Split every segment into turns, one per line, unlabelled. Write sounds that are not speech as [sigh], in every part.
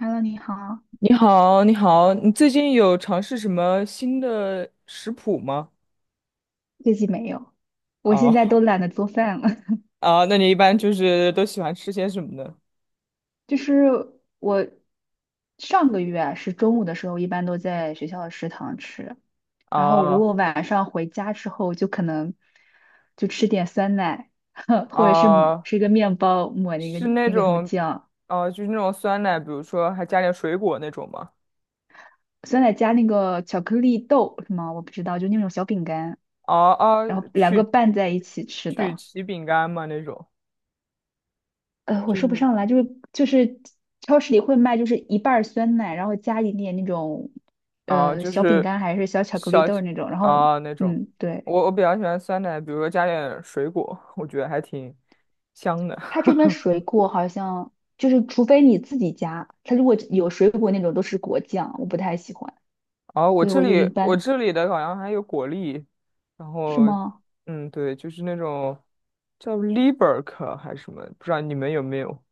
Hello，你好，
你好，你好，你最近有尝试什么新的食谱吗？
最近没有，我现在都
哦，
懒得做饭了。
[laughs] 啊，那你一般就是都喜欢吃些什么呢？
[laughs] 我上个月啊是中午的时候，一般都在学校的食堂吃，然后如
啊
果晚上回家之后，就可能就吃点酸奶，[laughs] 或者是抹
啊，
吃个面包抹那个
是那
那个什么
种，
酱，
啊，就是那种酸奶，比如说还加点水果那种吗？
酸奶加那个巧克力豆是吗？我不知道，就那种小饼干，
啊啊，
然后两个
曲
拌在一起吃
曲
的。
奇饼干吗？那种，
我
就
说不
是
上来，就是超市里会卖，就是一半儿酸奶，然后加一点那种
啊，就
小饼
是
干还是小巧克
小
力豆儿那种，然后
啊那种。
嗯，对，
我比较喜欢酸奶，比如说加点水果，我觉得还挺香的。
它这边
[laughs]
水果好像就是除非你自己加，它如果有水果那种都是果酱，我不太喜欢，
哦，我
所以
这
我就一
里我
般，
这里的好像还有果粒，然
是
后，
吗？
嗯，对，就是那种叫 Liberk 还是什么，不知道你们有没有？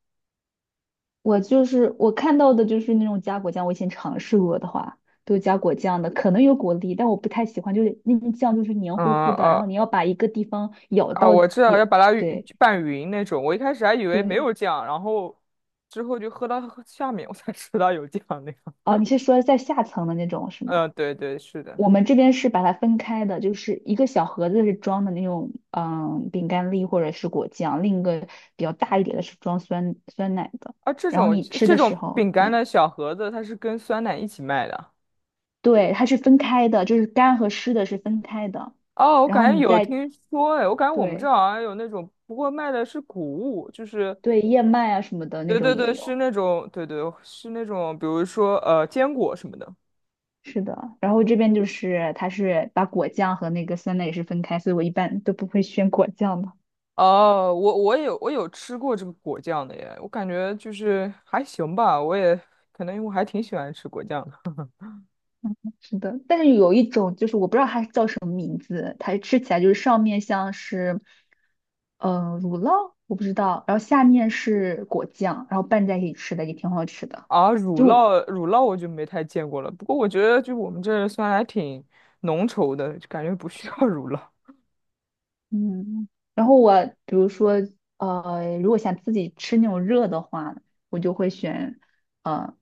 我看到的就是那种加果酱，我以前尝试过的话。都是加果酱的，可能有果粒，但我不太喜欢，就是那种酱就是黏
嗯
糊糊的，然后
啊
你要把一个地方咬
啊，
到
我知道
咬，
要把它匀
对，
拌匀那种。我一开始还以为没
对，
有酱，然后之后就喝到下面，我才知道有酱那个。
哦，你是说在下层的那种
[laughs]
是吗？
嗯，对对，是的。
我们这边是把它分开的，就是一个小盒子是装的那种嗯饼干粒或者是果酱，另一个比较大一点的是装酸酸奶的。
啊，这
然后
种
你吃
这
的时
种
候，
饼干
对
的小盒子，它是跟酸奶一起卖的。
对，它是分开的，就是干和湿的是分开的。
哦，我
然后
感觉
你
有
再
听说，哎，我感觉我们这
对
好像有那种，不过卖的是谷物，就是
对，燕麦啊什么的那
对
种
对
也
对，
有，
是那种，对对，是那种，比如说坚果什么的。
是的。然后这边就是它是把果酱和那个酸奶也是分开，所以我一般都不会选果酱的。
哦，我有吃过这个果酱的耶，我感觉就是还行吧，我也可能因为我还挺喜欢吃果酱的。
是的，但是有一种就是我不知道它叫什么名字，它吃起来就是上面像是，嗯、乳酪，我不知道，然后下面是果酱，然后拌在一起吃的也挺好吃的。
啊，乳
就
酪乳酪我就没太见过了，不过我觉得就我们这儿算还挺浓稠的，就感觉不需要 [laughs] 乳酪。
嗯，然后我比如说如果想自己吃那种热的话，我就会选呃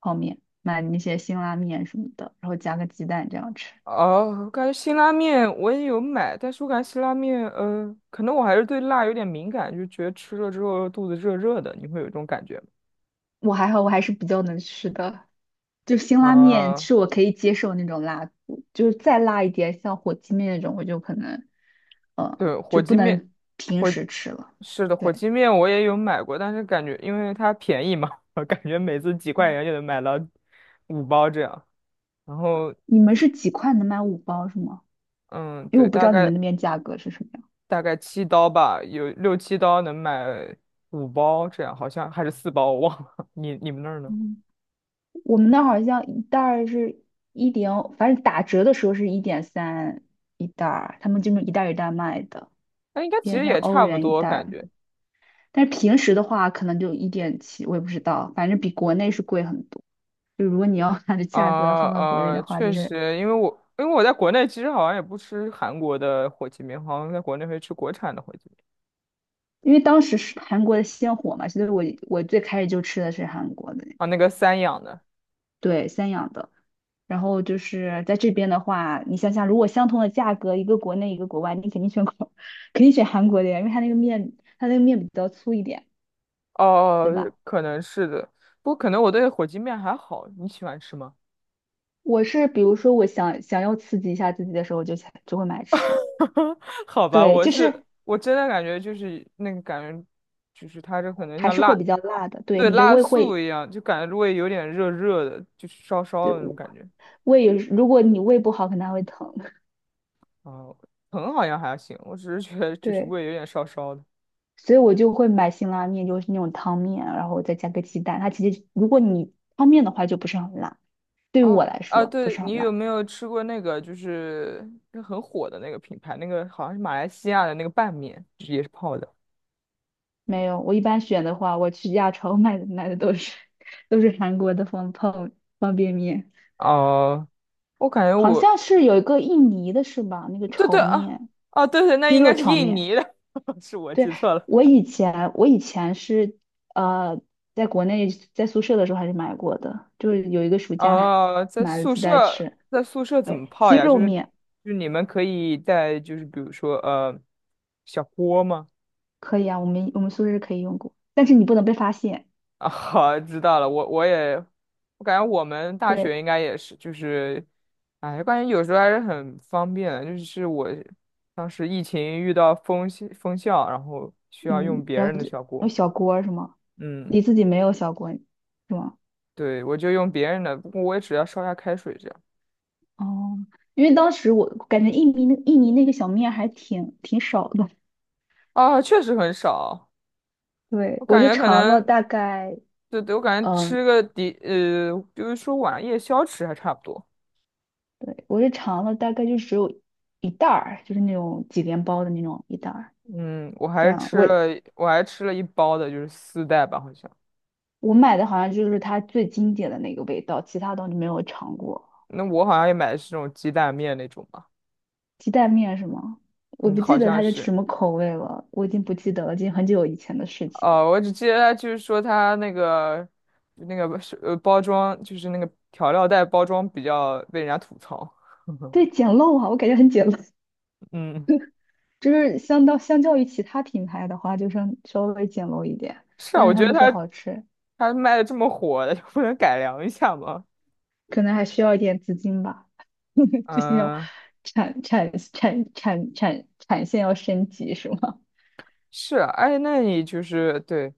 泡面，买那些辛拉面什么的，然后加个鸡蛋这样吃。
哦，我感觉辛拉面我也有买，但是我感觉辛拉面，可能我还是对辣有点敏感，就觉得吃了之后肚子热热的，你会有这种感觉吗？
我还好，我还是比较能吃的。就辛拉面
啊、
是我可以接受那种辣度，就是再辣一点，像火鸡面那种，我就可能，呃，
对，火
就不
鸡面，
能平
火，
时吃了。
是的，火鸡
对，
面我也有买过，但是感觉因为它便宜嘛，[laughs] 我感觉每次几块
嗯，
钱就能买到五包这样。然后，
你们是几块能买五包是吗？
嗯，
因为
对，
我不知
大
道你
概
们那边价格是什么样。
大概七刀吧，有六七刀能买五包这样，好像还是四包，我忘了。[laughs] 你们那儿呢？
嗯，我们那儿好像一袋儿是一点，反正打折的时候是一点三一袋儿，他们这么一袋儿一袋儿卖的，
那应该
一
其
点
实
三
也
欧
差不
元一
多，
袋儿。
感觉。
但是平时的话，可能就一点七，我也不知道，反正比国内是贵很多。就如果你要按着价格
啊
放到国内的话，就
确
是
实，因为我在国内其实好像也不吃韩国的火鸡面，好像在国内会吃国产的火鸡面
因为当时是韩国的鲜火嘛，所以我最开始就吃的是韩国的，
啊，那个三养的。
对，三养的。然后就是在这边的话，你想想，如果相同的价格，一个国内一个国外，你肯定选国，[laughs] 肯定选韩国的呀，因为它那个面，它那个面比较粗一点，对
哦，
吧？
可能是的，不过可能我对火鸡面还好。你喜欢吃吗？
我是比如说我想要刺激一下自己的时候，我就会买吃。
[laughs] 好吧，
对，
我
就
是
是
我真的感觉就是那个感觉，就是它这可能
还
像
是
辣，
会比较辣的。对，
对，
你的
辣
胃
素
会，
一样，就感觉胃有点热热的，就是烧烧
对，
的那种感觉。
胃也是如果你胃不好，可能还会疼。[laughs]
哦，疼好像还行，我只是觉得就是
对，
胃有点烧烧的。
所以我就会买辛拉面，就是那种汤面，然后再加个鸡蛋。它其实如果你汤面的话，就不是很辣，对于
啊
我来
啊，
说不
对，
是很
你有
辣。
没有吃过那个就是那很火的那个品牌，那个好像是马来西亚的那个拌面，就是也是泡的。
没有，我一般选的话，我去亚超 [laughs] 买的都是 [laughs] 都是韩国的方便面，
哦、我感觉
好像
我
是有一个印尼的是吧？那个
对
炒
对啊，
面，
哦对对，那
鸡
应
肉
该是
炒
印
面。
尼的，[laughs] 是我
对，
记错了。
我以前是呃，在国内在宿舍的时候还是买过的，就是有一个暑假
啊。在
买了
宿
几袋
舍，
吃。
在宿舍怎
对，
么泡
鸡
呀？就
肉
是，就
面
是你们可以在就是比如说小锅吗？
可以啊，我们宿舍可以用过，但是你不能被发现。
啊，[laughs] 好，知道了。我也，我感觉我们大学
对，
应该也是，就是，哎，感觉有时候还是很方便的。就是我当时疫情遇到封校，然后需要
嗯，
用别
然
人
后
的
就
小
有
锅。
小锅儿是吗？
嗯，
你自己没有小锅是吗？
对，我就用别人的，不过我也只要烧下开水这样。
哦，因为当时我感觉印尼那个小面还挺少的，
啊，确实很少，
对，
我
我
感
就
觉可
尝了
能，
大概。
对对，我感觉吃
嗯，
个底，就是说晚夜宵吃还差不多。
对，我是尝了，大概就只有一袋儿，就是那种几连包的那种一袋儿。
嗯，我
这
还
样，
吃
我
了，我还吃了一包的，就是丝带吧，好像。
我买的好像就是它最经典的那个味道，其他东西没有尝过。
那我好像也买的是那种鸡蛋面那种吧，
鸡蛋面是吗？我
嗯，
不
好
记得
像
它是
是。
什么口味了，我已经不记得了，已经很久以前的事情了。
哦，我只记得他就是说他那个那个是包装，就是那个调料袋包装比较被人家吐槽。
对，
[laughs]
简陋啊，我感觉很简陋，
嗯，
[laughs] 就是相较于其他品牌的话，就稍微简陋一点，
是啊，
但
我
是他
觉得
们说
他
好吃，
他卖的这么火，就不能改良一下吗？
可能还需要一点资金吧。[laughs] 最近要
嗯。
产线要升级是吗？
是啊，哎，那你就是对，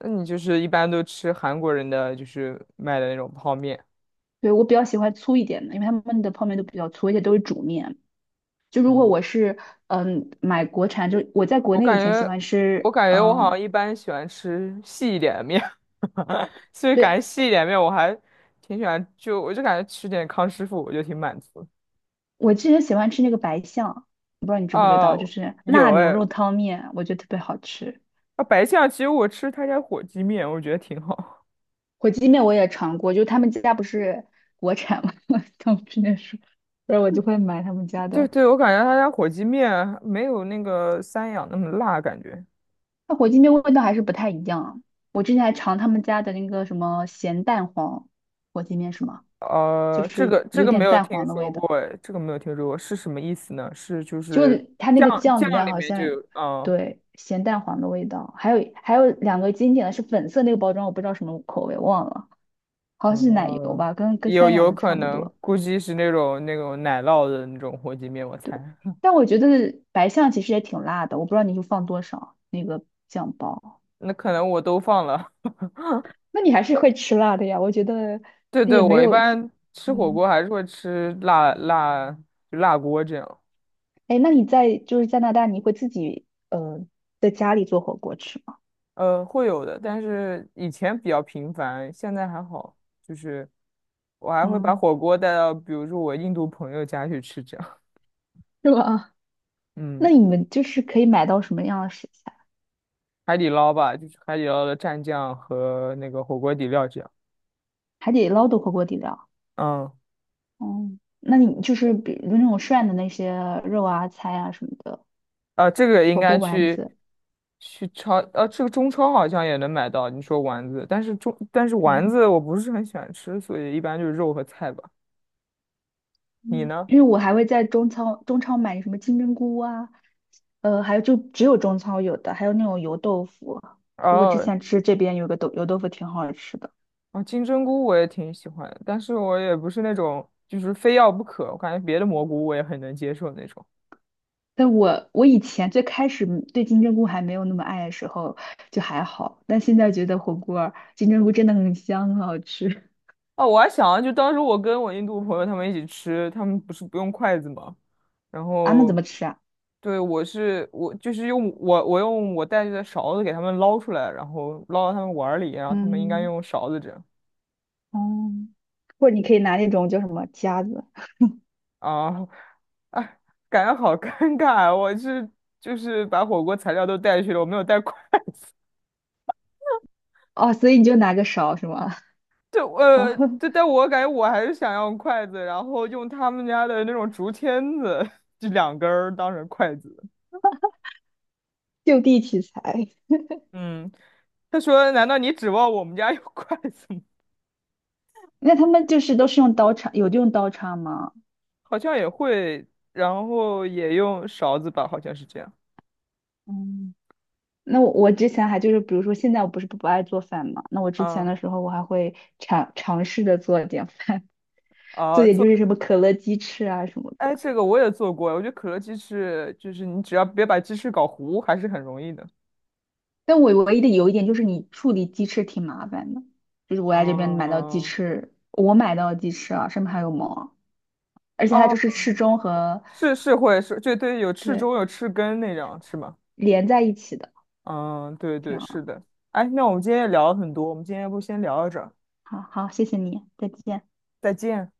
那你就是一般都吃韩国人的就是卖的那种泡面
[laughs] 对，我比较喜欢粗一点的，因为他们的泡面都比较粗，而且都是煮面。就如果我
啊。
是嗯买国产，就我在国
我
内
感
以前喜
觉，
欢
我
吃，
感觉我好
嗯，
像一般喜欢吃细一点的面，[laughs] 所以感觉
对，
细一点面我还挺喜欢，就我就感觉吃点康师傅我就挺满足的。
我之前喜欢吃那个白象，我不知道你知不知
啊，
道，就是
有
辣牛
哎，
肉汤面，我觉得特别好吃。
啊白象其实我吃他家火鸡面，我觉得挺好。
火鸡面我也尝过，就他们家不是国产嘛，[laughs] 当时那说，候，然后我就会买他们家
[laughs] 对
的。
对，我感觉他家火鸡面没有那个三养那么辣，感觉。
它火鸡面味道还是不太一样啊。我之前还尝他们家的那个什么咸蛋黄火鸡面，是吗？就
这
是
个这
有
个没
点
有
蛋
听
黄的
说
味道，
过，哎，这个没有听说过，是什么意思呢？是就
就
是
是它那
酱
个酱里
酱
面
里
好
面就
像
有，嗯
对咸蛋黄的味道，还有两个经典的是粉色那个包装，我不知道什么口味忘了，好像是奶油
嗯，
吧，跟
有
三养
有
的
可
差不
能，
多。
估计是那种奶酪的那种火鸡面，我
对，
猜。[laughs]
但我觉得白象其实也挺辣的，我不知道你就放多少那个酱包，
那可能我都放了。
那你还是会吃辣的呀？我觉得
[laughs] 对
它
对，
也没
我一
有，
般吃火
嗯。
锅还是会吃辣就辣锅这样，
哎，那你在就是加拿大，你会自己在家里做火锅吃吗？
会有的，但是以前比较频繁，现在还好，就是我还会把
嗯，
火锅带到比如说我印度朋友家去吃这样，
是吧？
[laughs]
那
嗯。
你们就是可以买到什么样的食材？
海底捞吧，就是海底捞的蘸酱和那个火锅底料酱。
还得捞到火锅底料。
嗯，
哦，那你就是比如那种涮的那些肉啊、菜啊什么的，
啊，这个应
火锅
该
丸
去
子。
去超，这个中超好像也能买到。你说丸子，但是中但是丸
嗯，
子我不是很喜欢吃，所以一般就是肉和菜吧。你
嗯，
呢？
因为我还会在中超买什么金针菇啊，呃，还有就只有中超有的，还有那种油豆腐啊。就我之
哦，
前吃这边有个豆油豆腐挺好吃的。
啊，金针菇我也挺喜欢的但是我也不是那种就是非要不可。我感觉别的蘑菇我也很能接受那种。
但我以前最开始嗯对金针菇还没有那么爱的时候，就还好，但现在觉得火锅儿金针菇真的很香，很好吃。
哦，我还想，就当时我跟我印度朋友他们一起吃，他们不是不用筷子吗？然
[laughs] 啊，那怎
后
么吃啊？
对，我就是用我带着的勺子给他们捞出来，然后捞到他们碗儿里，然后他们应该
嗯，
用勺子这样
哦，或者你可以拿那种叫什么夹子。
啊，哎，感觉好尴尬，我是就是把火锅材料都带去了，我没有带筷子，
哦，所以你就拿个勺是吗？
[laughs] 就
[laughs] 然后
就但我感觉我还是想要筷子，然后用他们家的那种竹签子，就两根儿当成筷子。
就地取材。
嗯，他说：“难道你指望我们家有 [laughs] 筷子吗？
那他们就是都是用刀叉，有用刀叉吗？
好像也会，然后也用勺子吧，好像是这样。”
嗯，那我我之前还就是，比如说现在我不是不爱做饭嘛，那我之前
嗯，
的时候我还会尝试着做一点饭。这
啊，
也
做，
就是什么可乐鸡翅啊什么的。
哎，这个我也做过，我觉得可乐鸡翅就是你只要别把鸡翅搞糊，还是很容易的。
但我唯一的有一点就是你处理鸡翅挺麻烦的，就是我在这边买到鸡
哦，
翅，我买到的鸡翅啊，上面还有毛啊，而且它就
哦，
是翅中和
是会是，对对，有翅
对
中有翅根那种是吗？
连在一起的，
嗯，对
这
对
样啊。
是的。哎，那我们今天也聊了很多，我们今天要不先聊到这儿，
好好，谢谢你，再见。
再见。